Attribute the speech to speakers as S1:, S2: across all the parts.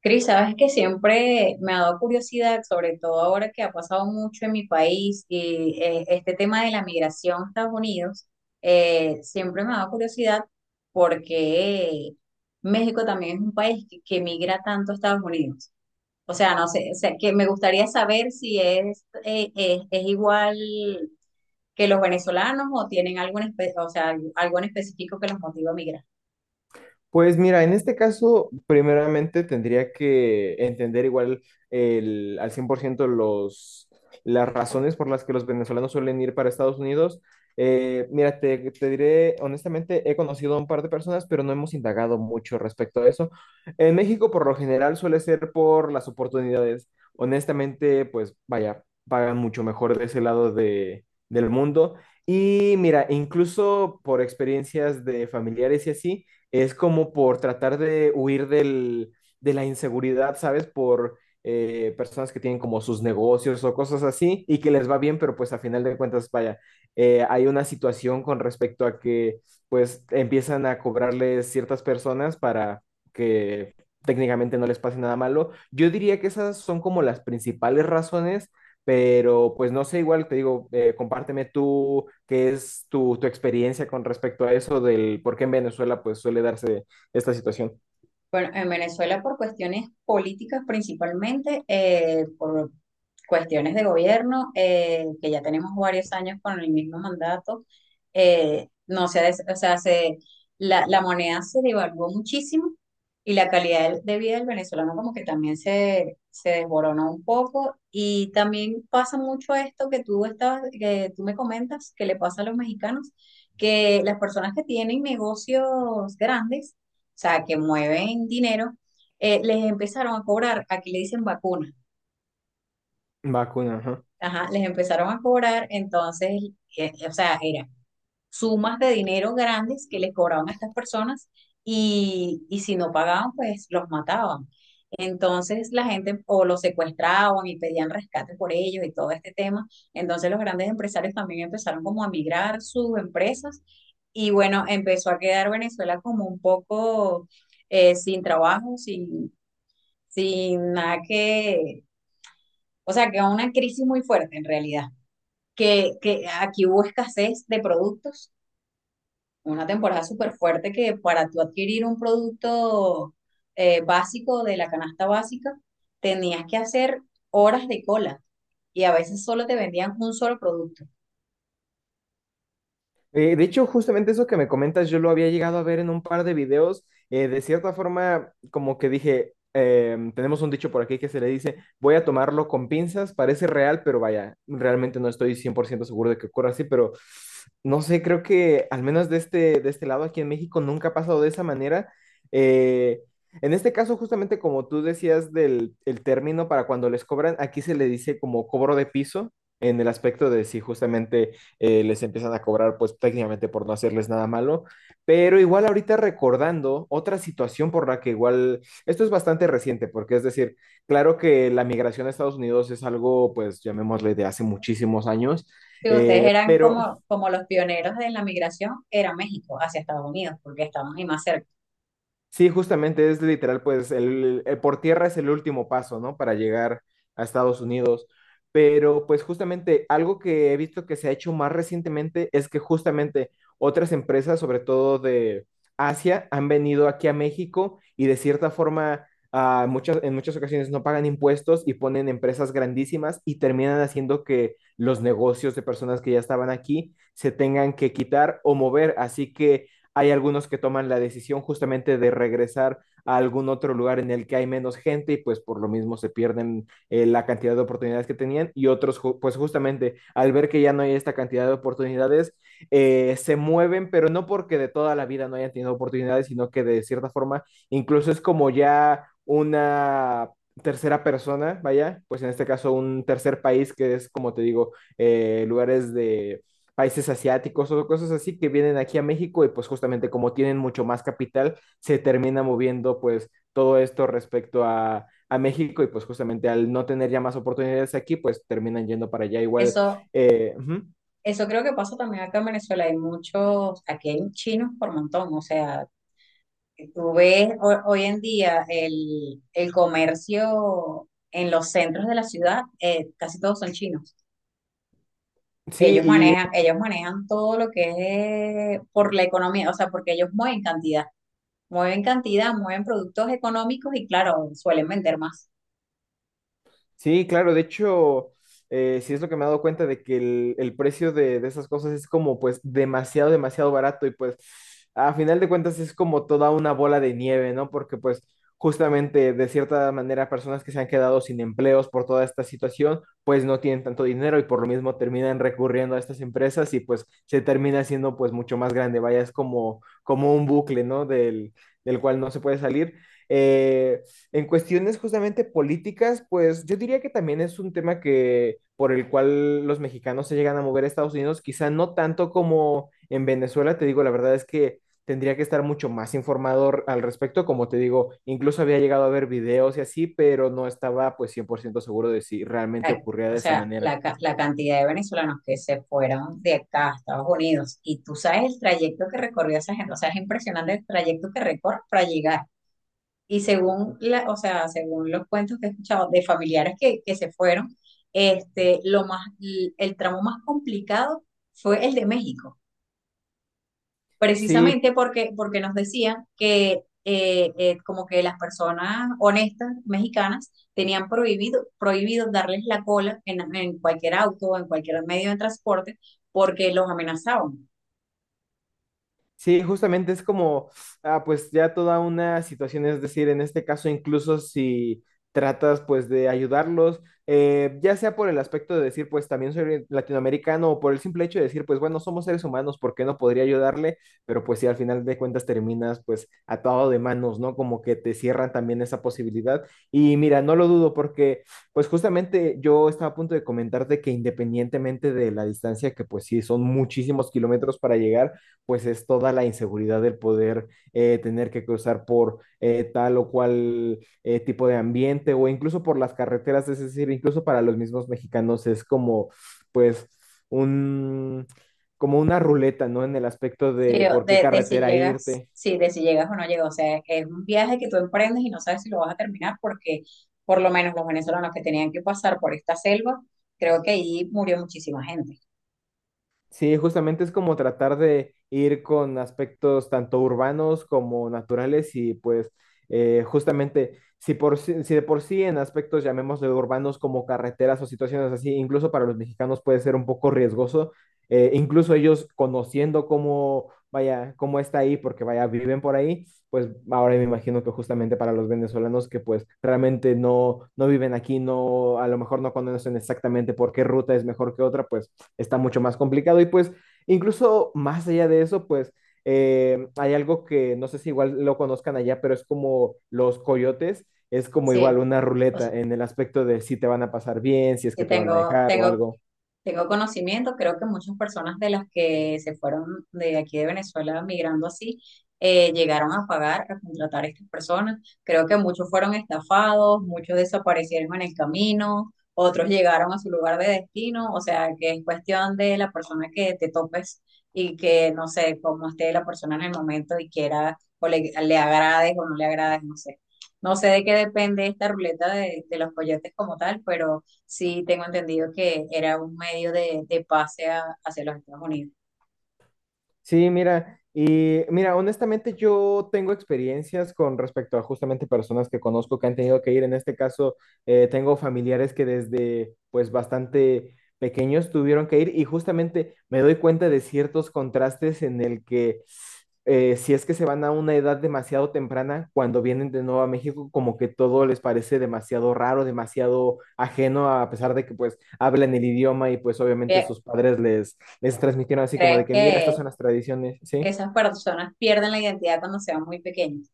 S1: Cris, sabes que siempre me ha dado curiosidad, sobre todo ahora que ha pasado mucho en mi país y este tema de la migración a Estados Unidos, siempre me ha dado curiosidad porque México también es un país que migra tanto a Estados Unidos. O sea, no sé, o sea, que me gustaría saber si es igual que los venezolanos o tienen algo o sea, algo en específico que los motiva a migrar.
S2: Pues mira, en este caso, primeramente tendría que entender igual el, al 100% los, las razones por las que los venezolanos suelen ir para Estados Unidos. Mira, te diré, honestamente, he conocido a un par de personas, pero no hemos indagado mucho respecto a eso. En México, por lo general, suele ser por las oportunidades. Honestamente, pues vaya, pagan mucho mejor de ese lado de, del mundo. Y mira, incluso por experiencias de familiares y así es como por tratar de huir del, de la inseguridad, ¿sabes? Por personas que tienen como sus negocios o cosas así y que les va bien, pero pues a final de cuentas, vaya, hay una situación con respecto a que pues empiezan a cobrarles ciertas personas para que técnicamente no les pase nada malo. Yo diría que esas son como las principales razones, pero pues no sé, igual te digo, compárteme tú qué es tu experiencia con respecto a eso del por qué en Venezuela pues suele darse esta situación.
S1: Bueno, en Venezuela por cuestiones políticas principalmente, por cuestiones de gobierno, que ya tenemos varios años con el mismo mandato. No se, o sea, se, la moneda se devaluó muchísimo y la calidad de vida del venezolano como que también se desboronó un poco. Y también pasa mucho esto que tú me comentas, que le pasa a los mexicanos, que las personas que tienen negocios grandes, sea, que mueven dinero, les empezaron a cobrar, aquí le dicen vacuna,
S2: Vacuna, ajá.
S1: ajá, les empezaron a cobrar. O sea, era sumas de dinero grandes que les cobraban a estas personas, y si no pagaban, pues los mataban. Entonces la gente o los secuestraban y pedían rescate por ellos y todo este tema. Entonces los grandes empresarios también empezaron como a migrar sus empresas, y bueno, empezó a quedar Venezuela como un poco sin trabajo, sin, sin nada que, o sea, que una crisis muy fuerte en realidad, que aquí hubo escasez de productos, una temporada súper fuerte, que para tú adquirir un producto básico de la canasta básica, tenías que hacer horas de cola y a veces solo te vendían un solo producto.
S2: De hecho, justamente eso que me comentas, yo lo había llegado a ver en un par de videos. De cierta forma, como que dije, tenemos un dicho por aquí que se le dice, voy a tomarlo con pinzas, parece real, pero vaya, realmente no estoy 100% seguro de que ocurra así, pero no sé, creo que al menos de este lado aquí en México nunca ha pasado de esa manera. Eh, en este caso, justamente como tú decías del el término para cuando les cobran, aquí se le dice como cobro de piso. En el aspecto de si justamente les empiezan a cobrar pues técnicamente por no hacerles nada malo, pero igual ahorita recordando otra situación por la que igual, esto es bastante reciente, porque es decir, claro que la migración a Estados Unidos es algo pues llamémosle de hace muchísimos años,
S1: Si ustedes
S2: eh,
S1: eran
S2: pero
S1: como, como los pioneros de la migración, era México hacia Estados Unidos, porque estábamos ahí más cerca.
S2: sí, justamente es literal, pues el, por tierra es el último paso, ¿no? Para llegar a Estados Unidos. Pero pues justamente algo que he visto que se ha hecho más recientemente es que justamente otras empresas, sobre todo de Asia, han venido aquí a México y de cierta forma en muchas ocasiones no pagan impuestos y ponen empresas grandísimas y terminan haciendo que los negocios de personas que ya estaban aquí se tengan que quitar o mover. Así que hay algunos que toman la decisión justamente de regresar a algún otro lugar en el que hay menos gente y pues por lo mismo se pierden la cantidad de oportunidades que tenían, y otros pues justamente al ver que ya no hay esta cantidad de oportunidades se mueven, pero no porque de toda la vida no hayan tenido oportunidades, sino que de cierta forma incluso es como ya una tercera persona, vaya, pues en este caso un tercer país que es, como te digo, lugares de países asiáticos o cosas así que vienen aquí a México, y pues justamente como tienen mucho más capital, se termina moviendo pues todo esto respecto a México y pues justamente al no tener ya más oportunidades aquí, pues terminan yendo para allá igual.
S1: Eso
S2: Ujú.
S1: Eso creo que pasa también acá en Venezuela. Hay muchos, aquí hay chinos por montón. O sea, tú ves hoy en día el comercio en los centros de la ciudad, casi todos son chinos.
S2: Sí, y
S1: Ellos manejan todo lo que es por la economía, o sea, porque ellos mueven cantidad, mueven cantidad, mueven productos económicos y claro, suelen vender más.
S2: sí, claro, de hecho, sí es lo que me he dado cuenta de que el precio de esas cosas es como pues demasiado, demasiado barato y pues a final de cuentas es como toda una bola de nieve, ¿no? Porque pues justamente de cierta manera personas que se han quedado sin empleos por toda esta situación pues no tienen tanto dinero y por lo mismo terminan recurriendo a estas empresas y pues se termina siendo pues mucho más grande, vaya, es como, como un bucle, ¿no? Del, del cual no se puede salir. Eh, en cuestiones justamente políticas, pues yo diría que también es un tema que por el cual los mexicanos se llegan a mover a Estados Unidos, quizá no tanto como en Venezuela, te digo, la verdad es que tendría que estar mucho más informado al respecto, como te digo, incluso había llegado a ver videos y así, pero no estaba pues 100% seguro de si realmente
S1: Ay.
S2: ocurría
S1: O
S2: de esa
S1: sea,
S2: manera.
S1: la cantidad de venezolanos que se fueron de acá a Estados Unidos, y tú sabes el trayecto que recorrió esa gente, o sea, es impresionante el trayecto que recorre para llegar. Y según la, o sea, según los cuentos que he escuchado de familiares que se fueron, este, el tramo más complicado fue el de México
S2: Sí,
S1: precisamente porque nos decían que como que las personas honestas mexicanas tenían prohibido, prohibido darles la cola en cualquier auto, en cualquier medio de transporte, porque los amenazaban.
S2: sí, justamente es como, ah, pues ya toda una situación, es decir, en este caso incluso si tratas pues de ayudarlos, ya sea por el aspecto de decir pues también soy latinoamericano o por el simple hecho de decir pues bueno, somos seres humanos, ¿por qué no podría ayudarle? Pero pues si al final de cuentas terminas pues atado de manos, ¿no? Como que te cierran también esa posibilidad. Y mira, no lo dudo porque pues justamente yo estaba a punto de comentarte que independientemente de la distancia, que pues sí, son muchísimos kilómetros para llegar, pues es toda la inseguridad del poder tener que cruzar por tal o cual tipo de ambiente o incluso por las carreteras, es decir, incluso para los mismos mexicanos es como pues un como una ruleta, ¿no? En el aspecto
S1: Sí,
S2: de por qué
S1: de si
S2: carretera
S1: llegas,
S2: irte,
S1: sí, de si llegas o no llegas. O sea, es un viaje que tú emprendes y no sabes si lo vas a terminar, porque por lo menos los venezolanos que tenían que pasar por esta selva, creo que ahí murió muchísima gente.
S2: sí, justamente es como tratar de ir con aspectos tanto urbanos como naturales y pues justamente si, por, si de por sí en aspectos llamémosle urbanos como carreteras o situaciones así, incluso para los mexicanos puede ser un poco riesgoso, incluso ellos conociendo cómo, vaya, cómo está ahí, porque vaya, viven por ahí, pues ahora me imagino que justamente para los venezolanos que pues realmente no, no viven aquí, no, a lo mejor no conocen exactamente por qué ruta es mejor que otra, pues está mucho más complicado. Y pues, incluso más allá de eso, pues hay algo que no sé si igual lo conozcan allá, pero es como los coyotes, es como igual
S1: Sí,
S2: una
S1: o
S2: ruleta
S1: sea,
S2: en el aspecto de si te van a pasar bien, si es
S1: que
S2: que te van a
S1: tengo,
S2: dejar o
S1: tengo
S2: algo.
S1: tengo conocimiento. Creo que muchas personas de las que se fueron de aquí de Venezuela migrando así, llegaron a pagar, a contratar a estas personas. Creo que muchos fueron estafados, muchos desaparecieron en el camino, otros llegaron a su lugar de destino, o sea que es cuestión de la persona que te topes, y que no sé cómo esté la persona en el momento y quiera, o le agrades o no le agrades, no sé. No sé de qué depende esta ruleta de los coyotes como tal, pero... Sí, tengo entendido que era un medio de pase hacia los Estados Unidos.
S2: Sí, mira, y mira, honestamente yo tengo experiencias con respecto a justamente personas que conozco que han tenido que ir. En este caso, tengo familiares que desde pues bastante pequeños tuvieron que ir y justamente me doy cuenta de ciertos contrastes en el que si es que se van a una edad demasiado temprana, cuando vienen de nuevo a México, como que todo les parece demasiado raro, demasiado ajeno, a pesar de que pues hablan el idioma y pues obviamente
S1: ¿Qué-
S2: sus padres les transmitieron así como
S1: ¿Crees
S2: de que, mira, estas son las tradiciones,
S1: que
S2: ¿sí?
S1: esas personas pierden la identidad cuando se van muy pequeños?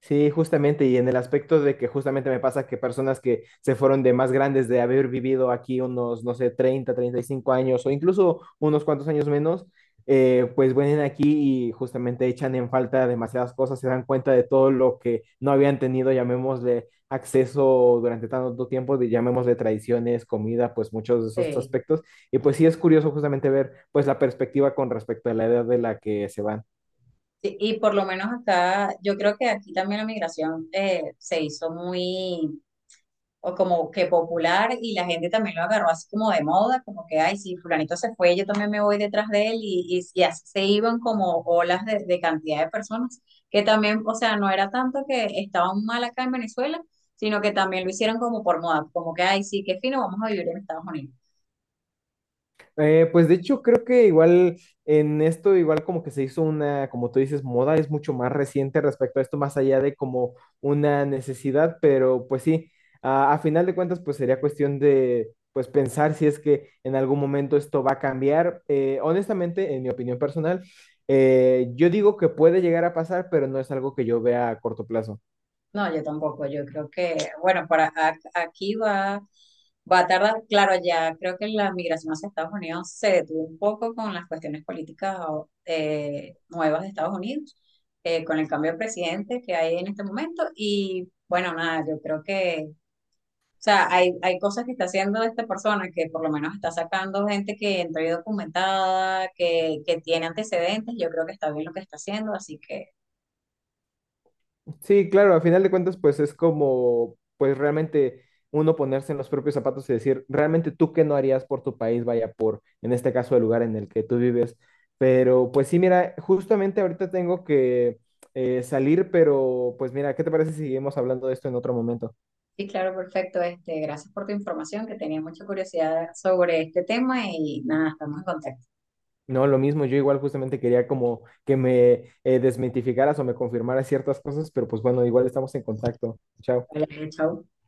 S2: Sí, justamente, y en el aspecto de que justamente me pasa que personas que se fueron de más grandes, de haber vivido aquí unos, no sé, 35 años o incluso unos cuantos años menos, pues vienen aquí y justamente echan en falta demasiadas cosas, se dan cuenta de todo lo que no habían tenido, llamémosle acceso durante tanto tiempo, de, llamémosle tradiciones, comida, pues muchos de esos
S1: Sí.
S2: aspectos. Y pues sí es curioso justamente ver pues la perspectiva con respecto a la edad de la que se van.
S1: Sí, y por lo menos acá, yo creo que aquí también la migración se hizo muy o como que popular, y la gente también lo agarró así como de moda, como que, ay, si fulanito se fue, yo también me voy detrás de él, y y así se iban como olas de cantidad de personas, que también, o sea, no era tanto que estaban mal acá en Venezuela, sino que también lo hicieron como por moda, como que, ay, sí, qué fino, vamos a vivir en Estados Unidos.
S2: Pues de hecho creo que igual en esto igual como que se hizo una, como tú dices, moda es mucho más reciente respecto a esto, más allá de como una necesidad, pero pues sí, a final de cuentas pues sería cuestión de pues pensar si es que en algún momento esto va a cambiar. Honestamente, en mi opinión personal, yo digo que puede llegar a pasar, pero no es algo que yo vea a corto plazo.
S1: No, yo tampoco. Yo creo que, bueno, para aquí va, va a tardar. Claro, ya creo que la migración hacia Estados Unidos se detuvo un poco con las cuestiones políticas nuevas de Estados Unidos, con el cambio de presidente que hay en este momento. Y bueno, nada, yo creo que, o sea, hay cosas que está haciendo esta persona, que por lo menos está sacando gente que entró y documentada, que tiene antecedentes. Yo creo que está bien lo que está haciendo, así que.
S2: Sí, claro, a final de cuentas, pues es como, pues realmente uno ponerse en los propios zapatos y decir, realmente tú qué no harías por tu país, vaya por, en este caso, el lugar en el que tú vives. Pero pues sí, mira, justamente ahorita tengo que salir, pero pues mira, ¿qué te parece si seguimos hablando de esto en otro momento?
S1: Sí, claro, perfecto. Este, gracias por tu información, que tenía mucha curiosidad sobre este tema y nada, estamos en contacto.
S2: No, lo mismo, yo igual justamente quería como que me desmitificaras o me confirmaras ciertas cosas, pero pues bueno, igual estamos en contacto. Chao.
S1: Vale, chao.